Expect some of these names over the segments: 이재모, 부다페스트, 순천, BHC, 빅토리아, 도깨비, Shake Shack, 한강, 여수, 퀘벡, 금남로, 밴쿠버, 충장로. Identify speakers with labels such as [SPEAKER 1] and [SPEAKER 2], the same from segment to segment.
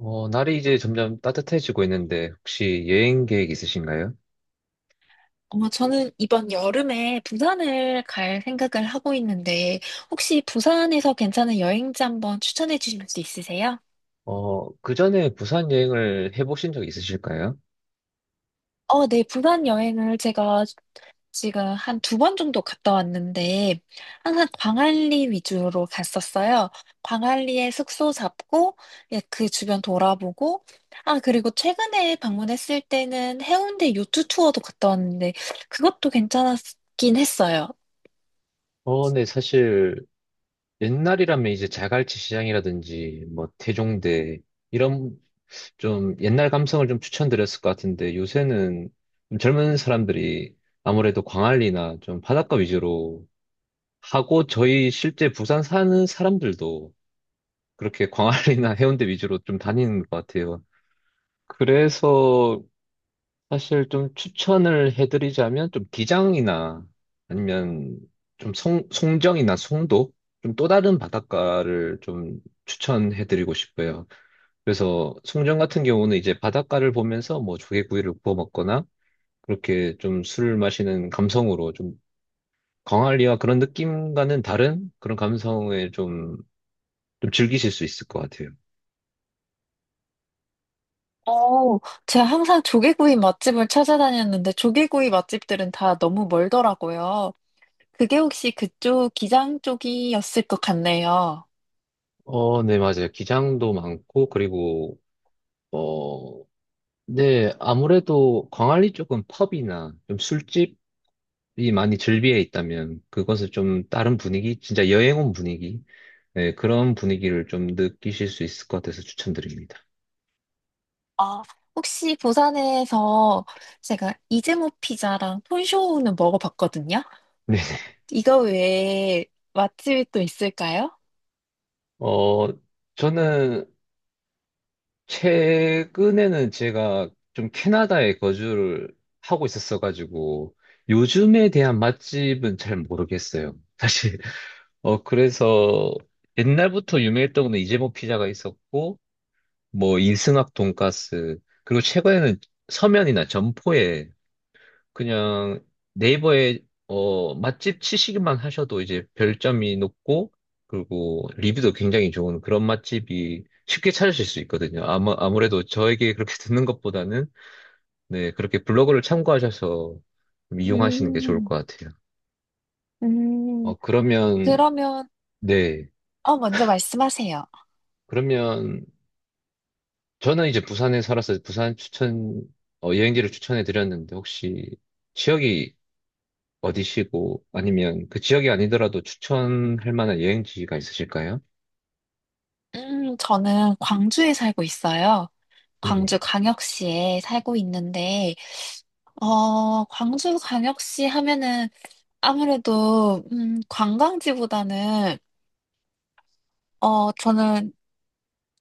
[SPEAKER 1] 날이 이제 점점 따뜻해지고 있는데 혹시 여행 계획 있으신가요?
[SPEAKER 2] 아마 저는 이번 여름에 부산을 갈 생각을 하고 있는데, 혹시 부산에서 괜찮은 여행지 한번 추천해 주실 수 있으세요?
[SPEAKER 1] 그 전에 부산 여행을 해보신 적 있으실까요?
[SPEAKER 2] 어, 네, 부산 여행을 제가 지금 한 2번 정도 갔다 왔는데, 항상 광안리 위주로 갔었어요. 광안리에 숙소 잡고, 예, 그 주변 돌아보고, 아, 그리고 최근에 방문했을 때는 해운대 요트 투어도 갔다 왔는데, 그것도 괜찮았긴 했어요.
[SPEAKER 1] 어, 네, 사실 옛날이라면 이제 자갈치 시장이라든지 뭐 태종대 이런 좀 옛날 감성을 좀 추천드렸을 것 같은데 요새는 좀 젊은 사람들이 아무래도 광안리나 좀 바닷가 위주로 하고 저희 실제 부산 사는 사람들도 그렇게 광안리나 해운대 위주로 좀 다니는 것 같아요. 그래서 사실 좀 추천을 해드리자면 좀 기장이나 아니면 좀 송정이나 송도 좀 또 다른 바닷가를 좀 추천해드리고 싶어요. 그래서 송정 같은 경우는 이제 바닷가를 보면서 뭐 조개구이를 구워 먹거나 그렇게 좀 술을 마시는 감성으로 좀 광안리와 그런 느낌과는 다른 그런 감성에 좀, 좀 즐기실 수 있을 것 같아요.
[SPEAKER 2] 어, 제가 항상 조개구이 맛집을 찾아다녔는데 조개구이 맛집들은 다 너무 멀더라고요. 그게 혹시 그쪽 기장 쪽이었을 것 같네요.
[SPEAKER 1] 어, 네, 맞아요. 기장도 많고 그리고 네, 아무래도 광안리 쪽은 펍이나 좀 술집이 많이 즐비해 있다면 그것을 좀 다른 분위기, 진짜 여행 온 분위기, 네, 그런 분위기를 좀 느끼실 수 있을 것 같아서 추천드립니다.
[SPEAKER 2] 아, 혹시 부산에서 제가 이재모 피자랑 톤쇼우는 먹어봤거든요.
[SPEAKER 1] 네.
[SPEAKER 2] 이거 외에 맛집이 또 있을까요?
[SPEAKER 1] 어, 저는 최근에는 제가 좀 캐나다에 거주를 하고 있었어가지고 요즘에 대한 맛집은 잘 모르겠어요. 사실. 그래서 옛날부터 유명했던 거는 이재모 피자가 있었고 뭐 인승학 돈가스 그리고 최근에는 서면이나 점포에 그냥 네이버에 맛집 치시기만 하셔도 이제 별점이 높고 그리고 리뷰도 굉장히 좋은 그런 맛집이 쉽게 찾으실 수 있거든요. 아마 아무래도 저에게 그렇게 듣는 것보다는 네 그렇게 블로그를 참고하셔서 좀 이용하시는 게 좋을
[SPEAKER 2] 음,
[SPEAKER 1] 것 같아요.
[SPEAKER 2] 음,
[SPEAKER 1] 그러면
[SPEAKER 2] 그러면,
[SPEAKER 1] 네
[SPEAKER 2] 어, 먼저 말씀하세요.
[SPEAKER 1] 그러면 저는 이제 부산에 살아서 부산 추천 어, 여행지를 추천해 드렸는데 혹시 지역이 어디시고 아니면 그 지역이 아니더라도 추천할 만한 여행지가 있으실까요?
[SPEAKER 2] 저는 광주에 살고 있어요. 광주
[SPEAKER 1] 네네.
[SPEAKER 2] 광역시에 살고 있는데, 어, 광주광역시 하면은 아무래도, 관광지보다는, 어, 저는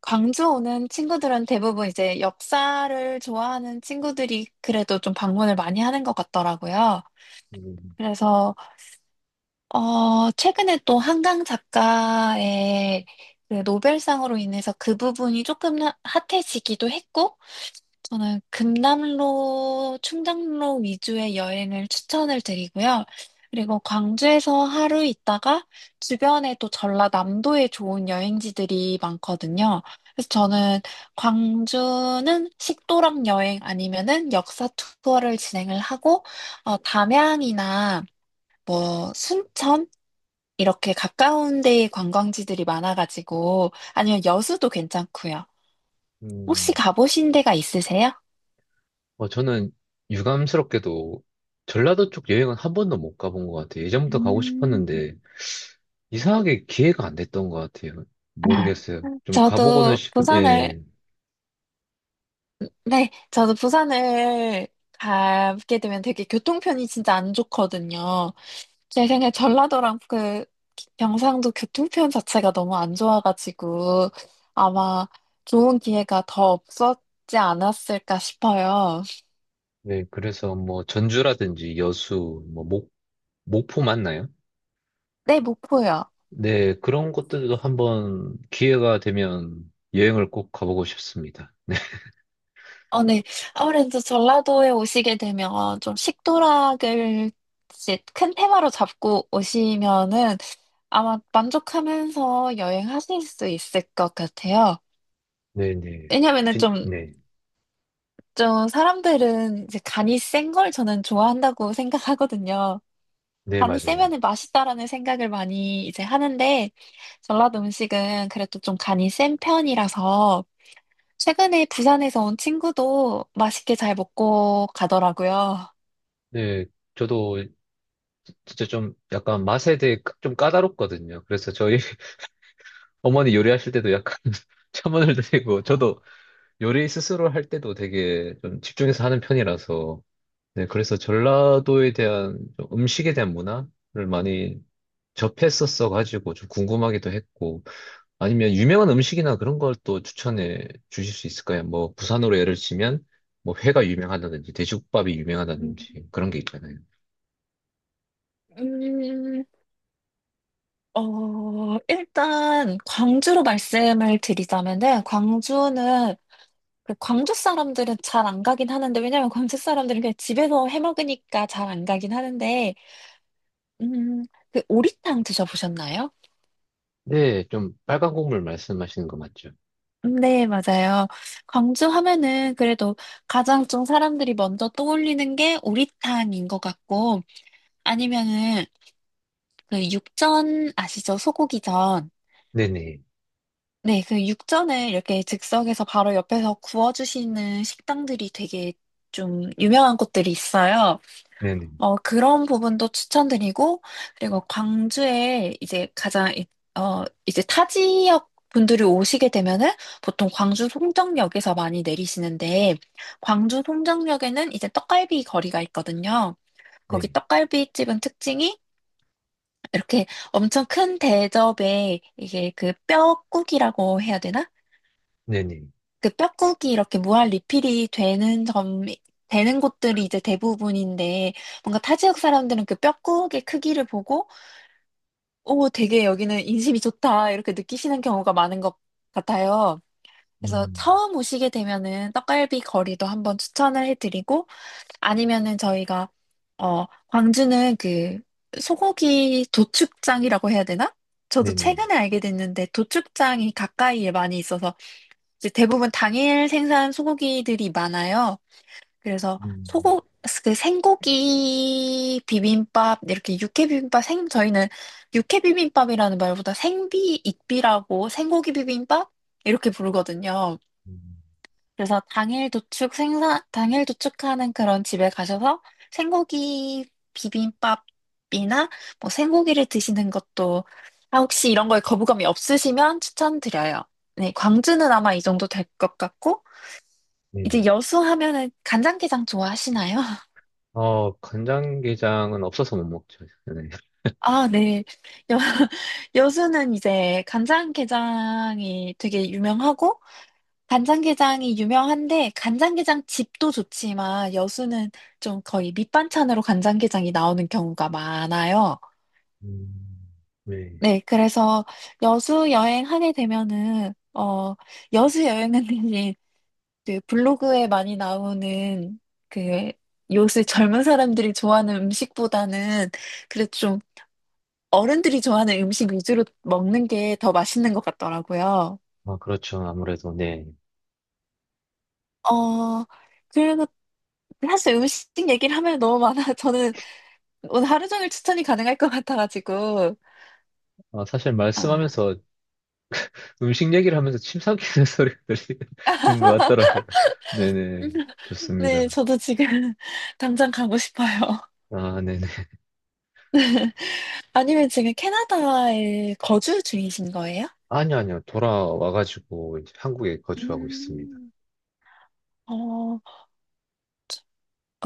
[SPEAKER 2] 광주 오는 친구들은 대부분 이제 역사를 좋아하는 친구들이 그래도 좀 방문을 많이 하는 것 같더라고요.
[SPEAKER 1] 음,
[SPEAKER 2] 그래서, 어, 최근에 또 한강 작가의 그 노벨상으로 인해서 그 부분이 조금 핫해지기도 했고, 저는 금남로, 충장로 위주의 여행을 추천을 드리고요. 그리고 광주에서 하루 있다가 주변에 또 전라남도에 좋은 여행지들이 많거든요. 그래서 저는 광주는 식도락 여행 아니면은 역사 투어를 진행을 하고, 어, 담양이나 뭐 순천 이렇게 가까운 데에 관광지들이 많아가지고, 아니면 여수도 괜찮고요. 혹시
[SPEAKER 1] 음.
[SPEAKER 2] 가보신 데가 있으세요?
[SPEAKER 1] 저는 유감스럽게도 전라도 쪽 여행은 한 번도 못 가본 것 같아요. 예전부터 가고
[SPEAKER 2] 음.
[SPEAKER 1] 싶었는데 이상하게 기회가 안 됐던 것 같아요. 모르겠어요. 좀 가보고는
[SPEAKER 2] 저도
[SPEAKER 1] 싶은,
[SPEAKER 2] 부산을,
[SPEAKER 1] 예.
[SPEAKER 2] 네, 저도 부산을 가게 되면 되게 교통편이 진짜 안 좋거든요. 제 생각에 전라도랑 그 경상도 교통편 자체가 너무 안 좋아가지고 아마 좋은 기회가 더 없었지 않았을까 싶어요.
[SPEAKER 1] 네, 그래서 뭐 전주라든지 여수, 뭐 목포 맞나요?
[SPEAKER 2] 네, 목포요.
[SPEAKER 1] 네, 그런 곳들도 한번 기회가 되면 여행을 꼭 가보고 싶습니다.
[SPEAKER 2] 어, 네. 아무래도 전라도에 오시게 되면 좀 식도락을 이제 큰 테마로 잡고 오시면은 아마 만족하면서 여행하실 수 있을 것 같아요.
[SPEAKER 1] 네네.
[SPEAKER 2] 왜냐면은
[SPEAKER 1] 진,
[SPEAKER 2] 좀,
[SPEAKER 1] 네.
[SPEAKER 2] 좀 사람들은 이제 간이 센 걸 저는 좋아한다고 생각하거든요.
[SPEAKER 1] 네,
[SPEAKER 2] 간이
[SPEAKER 1] 맞아요.
[SPEAKER 2] 세면은 맛있다라는 생각을 많이 이제 하는데, 전라도 음식은 그래도 좀 간이 센 편이라서, 최근에 부산에서 온 친구도 맛있게 잘 먹고 가더라고요.
[SPEAKER 1] 네. 저도 진짜 좀 약간 맛에 대해 좀 까다롭거든요. 그래서 저희 어머니 요리하실 때도 약간 첨언을 드리고, 저도 요리 스스로 할 때도 되게 좀 집중해서 하는 편이라서, 네. 그래서 전라도에 대한 좀 음식에 대한 문화를 많이 접했었어 가지고 좀 궁금하기도 했고, 아니면 유명한 음식이나 그런 걸 또 추천해 주실 수 있을까요? 뭐 부산으로 예를 치면 뭐 회가 유명하다든지 돼지국밥이
[SPEAKER 2] 음,
[SPEAKER 1] 유명하다든지 그런 게 있잖아요.
[SPEAKER 2] 음, 어, 일단, 광주로 말씀을 드리자면은, 광주는 그 광주 사람들은 잘 안 가긴 하는데, 왜냐면 광주 사람들은 그냥 집에서 해 먹으니까 잘 안 가긴 하는데, 음, 그 오리탕 드셔보셨나요?
[SPEAKER 1] 네, 좀 빨간 국물 말씀하시는 거 맞죠?
[SPEAKER 2] 네, 맞아요. 광주 하면은 그래도 가장 좀 사람들이 먼저 떠올리는 게 오리탕인 것 같고, 아니면은 그 육전 아시죠? 소고기전.
[SPEAKER 1] 네네,
[SPEAKER 2] 네, 그 육전을 이렇게 즉석에서 바로 옆에서 구워주시는 식당들이 되게 좀 유명한 곳들이 있어요.
[SPEAKER 1] 네네,
[SPEAKER 2] 어, 그런 부분도 추천드리고, 그리고 광주에 이제 가장, 어, 이제 타 지역 분들이 오시게 되면은 보통 광주 송정역에서 많이 내리시는데, 광주 송정역에는 이제 떡갈비 거리가 있거든요. 거기
[SPEAKER 1] 네,
[SPEAKER 2] 떡갈비집은 특징이 이렇게 엄청 큰 대접에 이게 그 뼈국이라고 해야 되나?
[SPEAKER 1] 네네,
[SPEAKER 2] 그 뼈국이 이렇게 무한 리필이 되는 점, 되는 곳들이 이제 대부분인데, 뭔가 타 지역 사람들은 그 뼈국의 크기를 보고, 오, 되게 여기는 인심이 좋다, 이렇게 느끼시는 경우가 많은 것 같아요. 그래서
[SPEAKER 1] 음,
[SPEAKER 2] 처음 오시게 되면은 떡갈비 거리도 한번 추천을 해드리고, 아니면은 저희가, 어, 광주는 그 소고기 도축장이라고 해야 되나? 저도
[SPEAKER 1] 네네,
[SPEAKER 2] 최근에 알게 됐는데 도축장이 가까이에 많이 있어서 이제 대부분 당일 생산 소고기들이 많아요. 그래서
[SPEAKER 1] 음,
[SPEAKER 2] 소고 그 생고기 비빔밥 이렇게 육회 비빔밥 생 저희는 육회 비빔밥이라는 말보다 생비 익비라고 생고기 비빔밥 이렇게 부르거든요.
[SPEAKER 1] 음,
[SPEAKER 2] 그래서 당일 도축 생산 당일 도축하는 그런 집에 가셔서 생고기 비빔밥이나 뭐 생고기를 드시는 것도 아 혹시 이런 거에 거부감이 없으시면 추천드려요. 네, 광주는 아마 이 정도 될 것 같고 이제
[SPEAKER 1] 네네.
[SPEAKER 2] 여수 하면은 간장게장 좋아하시나요?
[SPEAKER 1] 어, 간장게장은 없어서 못 먹죠. 네.
[SPEAKER 2] 아, 네. 여, 여수는 이제 간장게장이 되게 유명하고, 간장게장이 유명한데, 간장게장 집도 좋지만, 여수는 좀 거의 밑반찬으로 간장게장이 나오는 경우가 많아요.
[SPEAKER 1] 음, 네.
[SPEAKER 2] 네, 그래서 여수 여행하게 되면은, 어, 여수 여행은 대신 그 블로그에 많이 나오는 그 요새 젊은 사람들이 좋아하는 음식보다는 그래도 좀 어른들이 좋아하는 음식 위주로 먹는 게 더 맛있는 것 같더라고요.
[SPEAKER 1] 아, 그렇죠. 아무래도, 네.
[SPEAKER 2] 어, 그리고 사실 음식 얘기를 하면 너무 많아. 저는 오늘 하루 종일 추천이 가능할 것 같아가지고.
[SPEAKER 1] 아, 사실
[SPEAKER 2] 아.
[SPEAKER 1] 말씀하면서 음식 얘기를 하면서 침 삼키는 소리가 들리는 것 같더라고요. 네네.
[SPEAKER 2] 네,
[SPEAKER 1] 좋습니다.
[SPEAKER 2] 저도 지금 당장 가고 싶어요.
[SPEAKER 1] 아, 네네.
[SPEAKER 2] 아니면 지금 캐나다에 거주 중이신 거예요?
[SPEAKER 1] 아니요, 아니요. 돌아와가지고 이제 한국에 거주하고 있습니다.
[SPEAKER 2] 음, 어,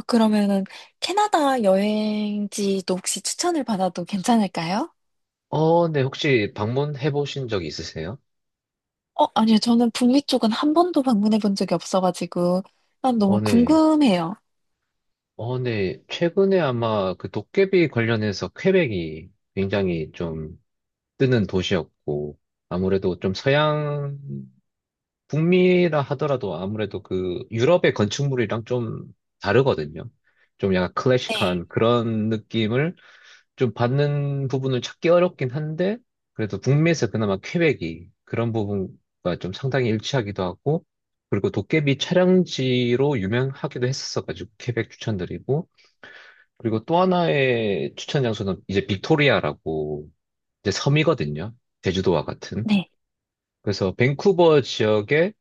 [SPEAKER 2] 그러면은 캐나다 여행지도 혹시 추천을 받아도 괜찮을까요?
[SPEAKER 1] 어, 네. 혹시 방문해 보신 적 있으세요?
[SPEAKER 2] 어, 아니요. 저는 북미 쪽은 한 번도 방문해 본 적이 없어가지고, 난
[SPEAKER 1] 어,
[SPEAKER 2] 너무
[SPEAKER 1] 네.
[SPEAKER 2] 궁금해요.
[SPEAKER 1] 어, 네. 최근에 아마 그 도깨비 관련해서 퀘벡이 굉장히 좀 뜨는 도시였고, 아무래도 좀 서양 북미라 하더라도 아무래도 그 유럽의 건축물이랑 좀 다르거든요. 좀 약간
[SPEAKER 2] 네.
[SPEAKER 1] 클래식한 그런 느낌을 좀 받는 부분을 찾기 어렵긴 한데, 그래도 북미에서 그나마 퀘벡이 그런 부분과 좀 상당히 일치하기도 하고, 그리고 도깨비 촬영지로 유명하기도 했었어가지고, 퀘벡 추천드리고, 그리고 또 하나의 추천 장소는 이제 빅토리아라고 이제 섬이거든요. 제주도와 같은.
[SPEAKER 2] 네.
[SPEAKER 1] 그래서 밴쿠버 지역에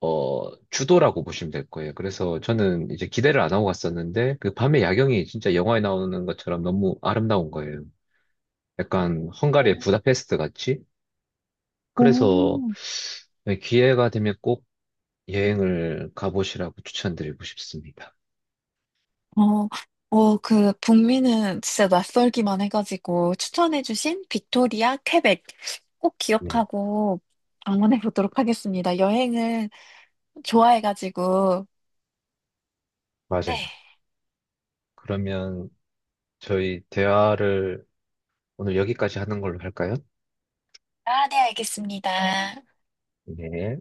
[SPEAKER 1] 어, 주도라고 보시면 될 거예요. 그래서 저는 이제 기대를 안 하고 갔었는데 그 밤의 야경이 진짜 영화에 나오는 것처럼 너무 아름다운 거예요. 약간 헝가리의
[SPEAKER 2] 오.
[SPEAKER 1] 부다페스트 같이. 그래서
[SPEAKER 2] 오.
[SPEAKER 1] 네, 기회가 되면 꼭 여행을 가보시라고 추천드리고 싶습니다.
[SPEAKER 2] 어, 어, 그, 북미는 진짜 낯설기만 해가지고, 추천해주신 빅토리아, 퀘벡 꼭
[SPEAKER 1] 네,
[SPEAKER 2] 기억하고 방문해 보도록 하겠습니다. 여행을 좋아해가지고,
[SPEAKER 1] 맞아요.
[SPEAKER 2] 네.
[SPEAKER 1] 그러면 저희 대화를 오늘 여기까지 하는 걸로 할까요?
[SPEAKER 2] 아, 네, 알겠습니다.
[SPEAKER 1] 네.